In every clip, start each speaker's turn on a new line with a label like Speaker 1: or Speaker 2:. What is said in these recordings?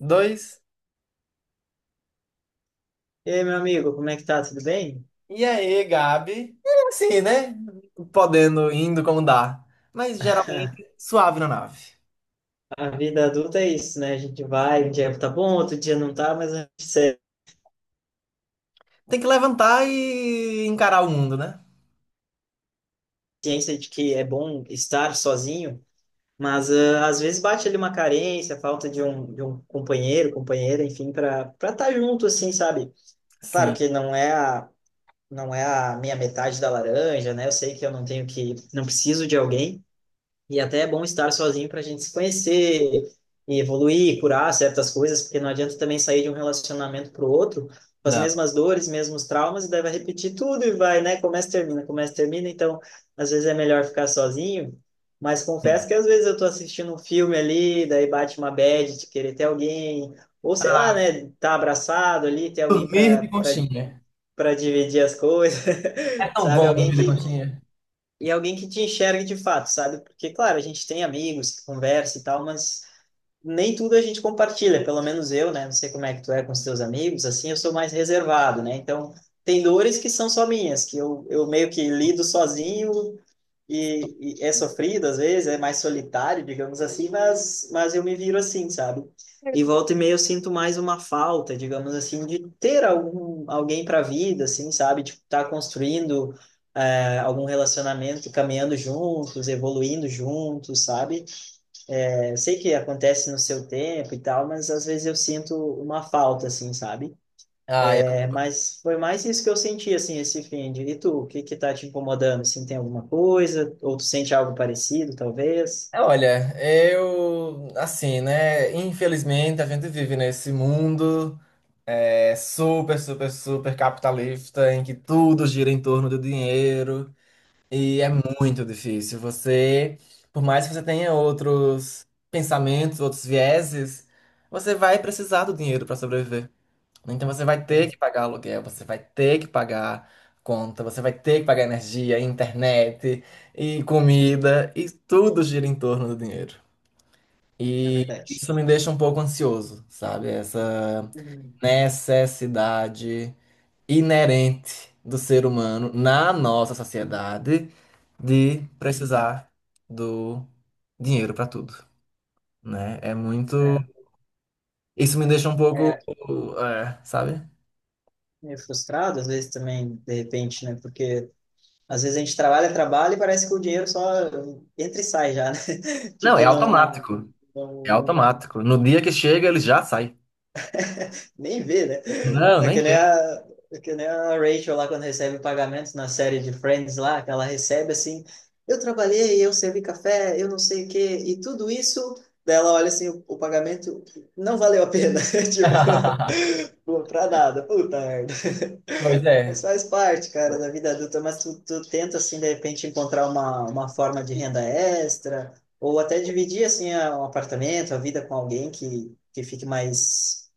Speaker 1: Dois.
Speaker 2: E aí, meu amigo, como é que tá? Tudo bem?
Speaker 1: E aí, Gabi? É assim, né? Podendo, indo como dá. Mas geralmente suave na nave.
Speaker 2: A vida adulta é isso, né? A gente vai, um dia tá bom, outro dia não tá, mas a gente tem
Speaker 1: Tem que levantar e encarar o mundo, né?
Speaker 2: ciência de que é bom estar sozinho, mas ah, às vezes bate ali uma carência, falta de um companheiro, companheira, enfim, para estar junto, assim, sabe? Claro
Speaker 1: Sim.
Speaker 2: que não é a minha metade da laranja, né? Eu sei que eu não tenho que, não preciso de alguém. E até é bom estar sozinho para a gente se conhecer e evoluir, curar certas coisas, porque não adianta também sair de um relacionamento para o outro com as
Speaker 1: Não.
Speaker 2: mesmas dores, mesmos traumas, e daí vai repetir tudo e vai, né? Começa, termina, começa, termina. Então, às vezes é melhor ficar sozinho. Mas confesso que às vezes eu tô assistindo um filme ali, daí bate uma bad de querer ter alguém, ou sei lá,
Speaker 1: Ah,
Speaker 2: né? Tá abraçado ali, ter alguém
Speaker 1: dormir de
Speaker 2: para
Speaker 1: conchinha.
Speaker 2: para dividir as coisas,
Speaker 1: É tão
Speaker 2: sabe?
Speaker 1: bom
Speaker 2: Alguém
Speaker 1: dormir de
Speaker 2: que
Speaker 1: conchinha.
Speaker 2: e alguém que te enxergue de fato, sabe? Porque, claro, a gente tem amigos que conversa e tal, mas nem tudo a gente compartilha, pelo menos eu, né? Não sei como é que tu é com os teus amigos, assim, eu sou mais reservado, né? Então, tem dores que são só minhas, que eu meio que lido sozinho e é sofrido às vezes, é mais solitário, digamos assim, mas eu me viro assim, sabe? E volta e meia eu sinto mais uma falta, digamos assim, de ter alguém para a vida, assim, sabe? Tipo, tá construindo algum relacionamento, caminhando juntos, evoluindo juntos, sabe? É, eu sei que acontece no seu tempo e tal, mas às vezes eu sinto uma falta, assim, sabe?
Speaker 1: Ah, eu...
Speaker 2: É, mas foi mais isso que eu senti, assim, esse fim de... E tu, o que que tá te incomodando? Assim, tem alguma coisa? Ou tu sente algo parecido, talvez?
Speaker 1: Olha, eu. Assim, né? Infelizmente, a gente vive nesse mundo super, super, super capitalista em que tudo gira em torno do dinheiro. E é muito difícil. Você, por mais que você tenha outros pensamentos, outros vieses, você vai precisar do dinheiro para sobreviver. Então você vai ter que pagar aluguel, você vai ter que pagar conta, você vai ter que pagar energia, internet e comida, e tudo gira em torno do dinheiro.
Speaker 2: É
Speaker 1: E
Speaker 2: verdade.
Speaker 1: isso me deixa um pouco ansioso, sabe? Essa
Speaker 2: Uhum.
Speaker 1: necessidade inerente do ser humano na nossa sociedade de precisar do dinheiro para tudo, né? É muito.
Speaker 2: É,
Speaker 1: Isso me deixa um pouco,
Speaker 2: é
Speaker 1: é, sabe?
Speaker 2: meio frustrado, às vezes também, de repente, né? Porque às vezes a gente trabalha, trabalha e parece que o dinheiro só entra e sai já, né?
Speaker 1: Não, é
Speaker 2: Tipo, não,
Speaker 1: automático. É
Speaker 2: não, não.
Speaker 1: automático. No dia que chega, ele já sai.
Speaker 2: Nem vê, né?
Speaker 1: Não,
Speaker 2: É
Speaker 1: nem
Speaker 2: que nem
Speaker 1: vê.
Speaker 2: a, é que nem a Rachel lá quando recebe pagamentos na série de Friends lá, que ela recebe assim, eu trabalhei, eu servi café, eu não sei o quê, e tudo isso, daí ela olha assim, o pagamento não valeu a pena, tipo, pô, pra nada, puta merda.
Speaker 1: Pois
Speaker 2: Mas
Speaker 1: é.
Speaker 2: faz parte, cara, da vida adulta, mas tu tenta, assim, de repente encontrar uma forma de renda extra, ou até dividir, assim, um apartamento, a vida com alguém que fique mais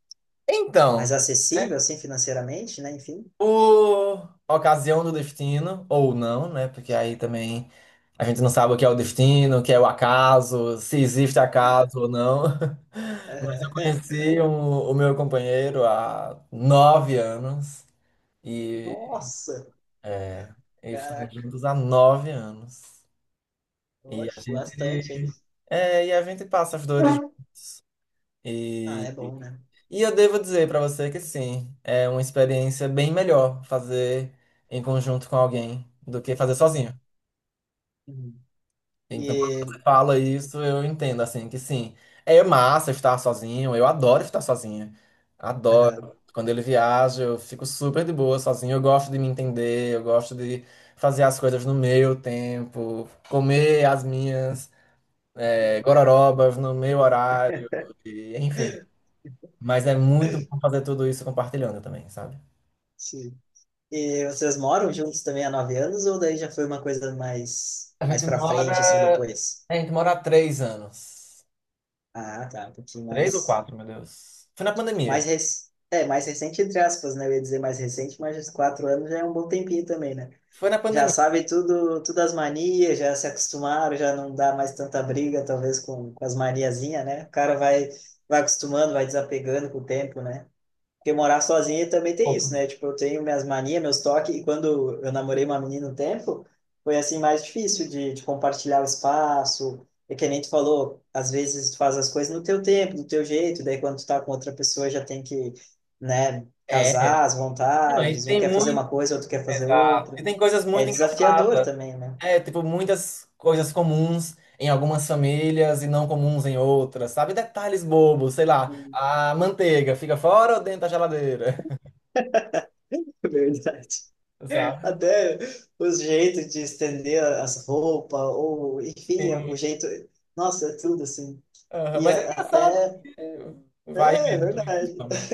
Speaker 2: mais
Speaker 1: Então, né?
Speaker 2: acessível, assim, financeiramente, né? Enfim.
Speaker 1: Por ocasião do destino, ou não, né? Porque aí também a gente não sabe o que é o destino, o que é o acaso, se existe
Speaker 2: Aham,
Speaker 1: acaso ou não. Mas eu
Speaker 2: aham.
Speaker 1: conheci o meu companheiro há 9 anos e
Speaker 2: Nossa,
Speaker 1: é, e estamos
Speaker 2: caraca,
Speaker 1: juntos há 9 anos. E a
Speaker 2: oxe, bastante, hein?
Speaker 1: gente, é, e a gente passa as dores.
Speaker 2: Ah,
Speaker 1: E,
Speaker 2: é bom, né?
Speaker 1: e eu devo dizer para você que sim, é uma experiência bem melhor fazer em conjunto com alguém do que fazer sozinho.
Speaker 2: Uhum, uhum.
Speaker 1: Então, quando você
Speaker 2: E,
Speaker 1: fala isso, eu entendo, assim, que sim. É massa estar sozinho, eu adoro estar sozinha. Adoro.
Speaker 2: aham,
Speaker 1: Quando ele viaja, eu fico super de boa sozinho. Eu gosto de me entender, eu gosto de fazer as coisas no meu tempo, comer as minhas gororobas no meu horário, e, enfim. Mas é muito bom fazer tudo isso compartilhando também, sabe?
Speaker 2: sim. E vocês moram juntos também há 9 anos ou daí já foi uma coisa mais
Speaker 1: A
Speaker 2: mais
Speaker 1: gente
Speaker 2: para frente assim
Speaker 1: mora.
Speaker 2: depois?
Speaker 1: A gente mora há 3 anos.
Speaker 2: Ah, tá, um pouquinho
Speaker 1: Três ou
Speaker 2: mais
Speaker 1: quatro, meu Deus. Foi na pandemia.
Speaker 2: mais rec... é mais recente entre aspas, né? Eu ia dizer mais recente, mas 4 anos já é um bom tempinho também, né?
Speaker 1: Foi na
Speaker 2: Já
Speaker 1: pandemia.
Speaker 2: sabe tudo, as manias, já se acostumaram, já não dá mais tanta briga, talvez com, as maniazinhas, né? O cara vai acostumando, vai desapegando com o tempo, né? Porque morar sozinho também tem isso, né? Tipo, eu tenho minhas manias, meus toques, e quando eu namorei uma menina um tempo, foi assim mais difícil de compartilhar o espaço. É que nem tu falou, às vezes tu faz as coisas no teu tempo, do teu jeito, daí quando tu tá com outra pessoa já tem que, né,
Speaker 1: É,
Speaker 2: casar as
Speaker 1: não, e
Speaker 2: vontades, um
Speaker 1: tem
Speaker 2: quer fazer
Speaker 1: muito.
Speaker 2: uma coisa, outro quer fazer
Speaker 1: Exato.
Speaker 2: outra.
Speaker 1: E tem coisas
Speaker 2: É
Speaker 1: muito
Speaker 2: desafiador
Speaker 1: engraçadas.
Speaker 2: também, né?
Speaker 1: É, tipo, muitas coisas comuns em algumas famílias e não comuns em outras, sabe? Detalhes bobos, sei lá. A manteiga fica fora ou dentro da geladeira,
Speaker 2: É verdade.
Speaker 1: sabe?
Speaker 2: Até os jeitos de estender as roupas, ou enfim, o jeito. Nossa, é tudo assim.
Speaker 1: Aham,
Speaker 2: E
Speaker 1: mas é engraçado.
Speaker 2: até.
Speaker 1: Porque vai.
Speaker 2: É, é
Speaker 1: E
Speaker 2: verdade.
Speaker 1: né?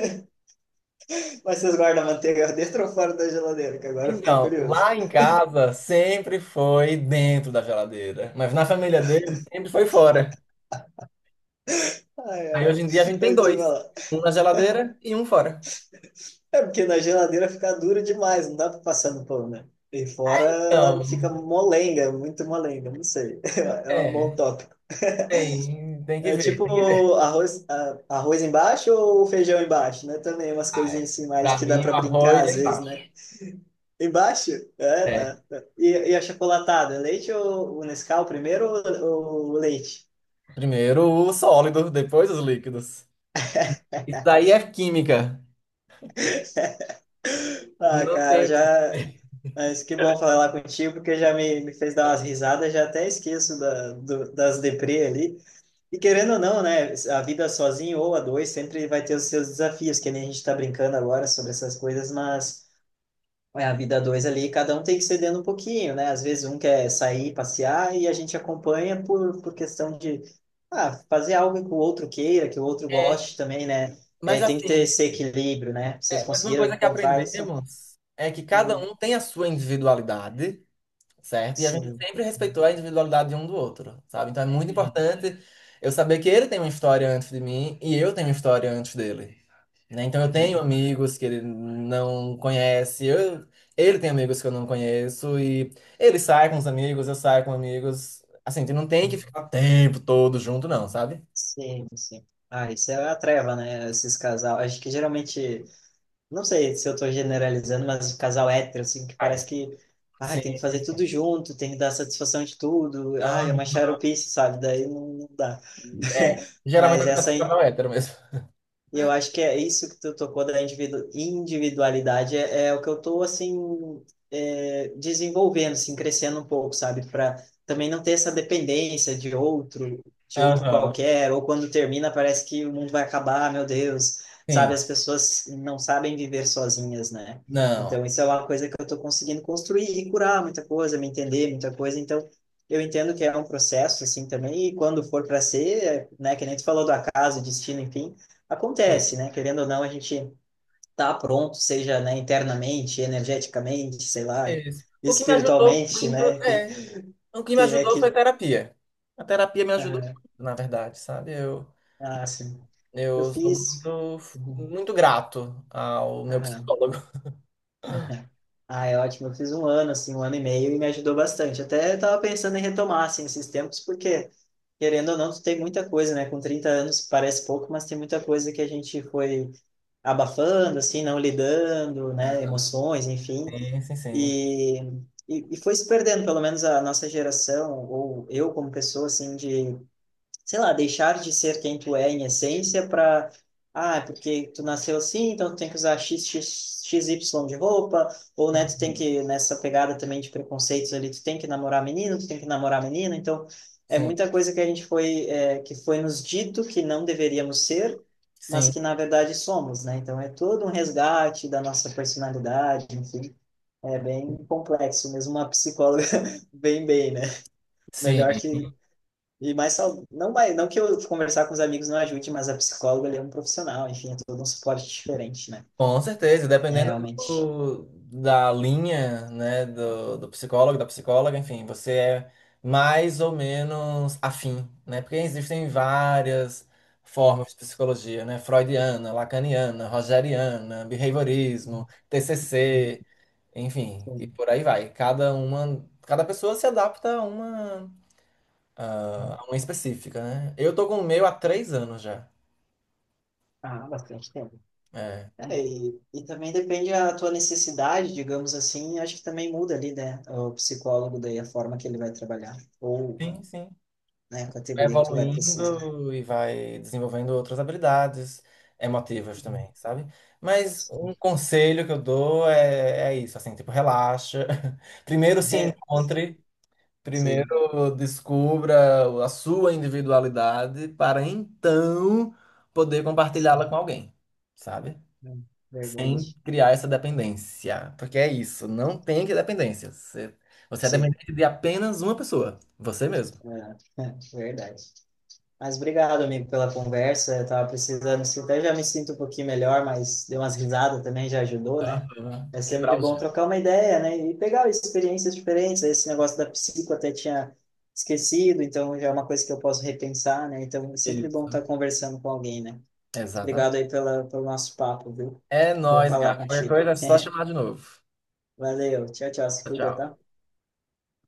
Speaker 2: Mas vocês guardam a manteiga dentro ou fora da geladeira? Que agora eu fiquei
Speaker 1: Então,
Speaker 2: curioso.
Speaker 1: lá em casa sempre foi dentro da geladeira, mas na família dele sempre foi fora.
Speaker 2: Ai,
Speaker 1: Aí hoje em dia a
Speaker 2: ai.
Speaker 1: gente tem
Speaker 2: Eu te
Speaker 1: dois,
Speaker 2: falar.
Speaker 1: um na geladeira e um fora.
Speaker 2: É porque na geladeira fica dura demais, não dá pra passar no pão, né? E fora ela
Speaker 1: Então,
Speaker 2: fica molenga, muito molenga, não sei. É uma mão
Speaker 1: é.
Speaker 2: top.
Speaker 1: Tem, tem que
Speaker 2: É
Speaker 1: ver,
Speaker 2: tipo
Speaker 1: tem que ver.
Speaker 2: arroz, arroz embaixo ou feijão embaixo, né? Também umas
Speaker 1: Ah, é.
Speaker 2: coisinhas assim mais
Speaker 1: Pra
Speaker 2: que dá
Speaker 1: mim,
Speaker 2: pra
Speaker 1: o arroz
Speaker 2: brincar
Speaker 1: é
Speaker 2: às vezes,
Speaker 1: embaixo.
Speaker 2: né? Embaixo? É,
Speaker 1: É.
Speaker 2: tá. Tá. E a chocolatada? Leite ou o Nescau primeiro ou leite?
Speaker 1: Primeiro o sólido, depois os líquidos. Isso daí é química.
Speaker 2: Ah,
Speaker 1: Não
Speaker 2: cara,
Speaker 1: tem.
Speaker 2: já. Mas que bom falar contigo, porque já me, fez dar umas risadas, já até esqueço da, das deprê ali. E querendo ou não, né? A vida sozinho ou a dois sempre vai ter os seus desafios, que nem a gente tá brincando agora sobre essas coisas, mas. É a vida a dois ali, cada um tem que cedendo um pouquinho, né? Às vezes um quer sair, passear e a gente acompanha por questão de ah, fazer algo que o outro queira, que o outro
Speaker 1: É,
Speaker 2: goste também, né? É,
Speaker 1: mas
Speaker 2: tem que ter
Speaker 1: assim,
Speaker 2: esse equilíbrio, né?
Speaker 1: é,
Speaker 2: Vocês
Speaker 1: mas uma
Speaker 2: conseguiram
Speaker 1: coisa que
Speaker 2: encontrar isso?
Speaker 1: aprendemos é que cada
Speaker 2: Uhum.
Speaker 1: um tem a sua individualidade, certo? E a gente
Speaker 2: Sim.
Speaker 1: sempre respeitou a individualidade de um do outro, sabe? Então é muito
Speaker 2: Uhum.
Speaker 1: importante eu saber que ele tem uma história antes de mim e eu tenho uma história antes dele. Né? Então eu tenho
Speaker 2: Uhum.
Speaker 1: amigos que ele não conhece, eu, ele tem amigos que eu não conheço, e ele sai com os amigos, eu saio com amigos. Assim, tu não tem que ficar o tempo todo junto, não, sabe?
Speaker 2: Sim, sim. Ah, isso é a treva, né? Esses casal. Acho que geralmente... Não sei se eu tô generalizando, mas casal hétero, assim, que
Speaker 1: Mas,
Speaker 2: parece que, ai,
Speaker 1: sim,
Speaker 2: tem que
Speaker 1: sim,
Speaker 2: fazer
Speaker 1: sim.
Speaker 2: tudo junto, tem que dar satisfação de tudo, ai, é
Speaker 1: Aham.
Speaker 2: uma xaropice, sabe? Daí não, não dá.
Speaker 1: É, geralmente
Speaker 2: Mas
Speaker 1: eu quero
Speaker 2: essa,
Speaker 1: ficar no hétero mesmo.
Speaker 2: e eu acho que é isso que tu tocou da individualidade, é o que eu tô, assim, é, desenvolvendo, assim, crescendo um pouco, sabe? Para também não ter essa dependência de outro,
Speaker 1: Aham.
Speaker 2: qualquer, ou quando termina parece que o mundo vai acabar, ah, meu Deus,
Speaker 1: Sim,
Speaker 2: sabe? As pessoas não sabem viver sozinhas, né?
Speaker 1: não.
Speaker 2: Então, isso é uma coisa que eu tô conseguindo construir e curar muita coisa, me entender muita coisa, então... Eu entendo que é um processo, assim, também, e quando for para ser, é, né, que nem tu falou do acaso, destino, enfim, acontece, né? Querendo ou não, a gente tá pronto, seja, né, internamente, energeticamente, sei lá,
Speaker 1: Isso. O que me ajudou
Speaker 2: espiritualmente,
Speaker 1: muito,
Speaker 2: né? Quem,
Speaker 1: é, o que me
Speaker 2: quem é
Speaker 1: ajudou foi
Speaker 2: que...
Speaker 1: a terapia. A terapia me ajudou
Speaker 2: Aham.
Speaker 1: muito, na verdade, sabe?
Speaker 2: Ah, sim. Eu
Speaker 1: Eu sou
Speaker 2: fiz...
Speaker 1: muito,
Speaker 2: Uhum.
Speaker 1: muito grato ao meu
Speaker 2: Aham.
Speaker 1: psicólogo.
Speaker 2: Ah, é ótimo. Eu fiz um ano, assim, um ano e meio e me ajudou bastante. Até estava pensando em retomar, assim, esses tempos, porque, querendo ou não, tu tem muita coisa, né? Com 30 anos parece pouco, mas tem muita coisa que a gente foi abafando, assim, não lidando, né? Emoções, enfim.
Speaker 1: Sim, sim, sim.
Speaker 2: E, e foi se perdendo, pelo menos a nossa geração, ou eu como pessoa, assim, de sei lá, deixar de ser quem tu é em essência para, ah, é porque tu nasceu assim, então tu tem que usar x, x, x y de roupa, ou né, tu tem
Speaker 1: Uhum.
Speaker 2: que, nessa pegada também de preconceitos ali, tu tem que namorar menino, tu tem que namorar menina, então é
Speaker 1: Sim,
Speaker 2: muita coisa que a gente foi, é, que foi nos dito que não deveríamos ser, mas
Speaker 1: sim,
Speaker 2: que na verdade somos, né? Então é todo um resgate da nossa personalidade, enfim. É bem complexo, mesmo uma psicóloga bem bem, né? Melhor
Speaker 1: sim.
Speaker 2: que e mais não vai, não que eu conversar com os amigos não ajude, mas a psicóloga ali é um profissional, enfim, é todo um suporte diferente, né?
Speaker 1: Com certeza,
Speaker 2: É,
Speaker 1: dependendo
Speaker 2: realmente.
Speaker 1: do- da linha, né, do, do psicólogo, da psicóloga, enfim, você é mais ou menos afim, né? Porque existem várias formas de psicologia, né? Freudiana, lacaniana, rogeriana, behaviorismo, TCC, enfim, e
Speaker 2: Sim.
Speaker 1: por aí vai. Cada uma, cada pessoa se adapta a uma, a uma específica, né? Eu tô com o meu há 3 anos já.
Speaker 2: Ah, bastante tempo.
Speaker 1: É.
Speaker 2: É, e também depende da tua necessidade, digamos assim, acho que também muda ali, né? O psicólogo daí a forma que ele vai trabalhar, ou
Speaker 1: Sim, sim.
Speaker 2: né, a
Speaker 1: Vai
Speaker 2: categoria que tu vai precisar.
Speaker 1: evoluindo e vai desenvolvendo outras habilidades emotivas
Speaker 2: Uhum.
Speaker 1: também, sabe? Mas
Speaker 2: Sim.
Speaker 1: um conselho que eu dou é, é isso, assim, tipo, relaxa. Primeiro se
Speaker 2: É,
Speaker 1: encontre,
Speaker 2: sim,
Speaker 1: primeiro descubra a sua individualidade para então poder compartilhá-la
Speaker 2: sim,
Speaker 1: com alguém, sabe?
Speaker 2: é,
Speaker 1: Sem
Speaker 2: verdade.
Speaker 1: criar essa dependência. Porque é isso, não tem que dependência. Você, você é
Speaker 2: Sim,
Speaker 1: dependente de apenas uma pessoa, você mesmo.
Speaker 2: é, é, verdade. Mas obrigado, amigo, pela conversa. Eu tava precisando, assim, até já me sinto um pouquinho melhor, mas deu umas risadas também, já ajudou, né?
Speaker 1: Aham.
Speaker 2: É sempre
Speaker 1: Quebrar os.
Speaker 2: bom trocar uma ideia, né? E pegar experiências diferentes. Esse negócio da psico eu até tinha esquecido, então já é uma coisa que eu posso repensar, né? Então é sempre bom
Speaker 1: Isso.
Speaker 2: estar conversando com alguém, né? Obrigado
Speaker 1: Exatamente.
Speaker 2: aí pela, pelo nosso papo, viu?
Speaker 1: É
Speaker 2: Bom
Speaker 1: nóis,
Speaker 2: falar
Speaker 1: gato. Qualquer
Speaker 2: contigo.
Speaker 1: coisa é só chamar de novo.
Speaker 2: Valeu, tchau, tchau, se cuida,
Speaker 1: Tchau.
Speaker 2: tá?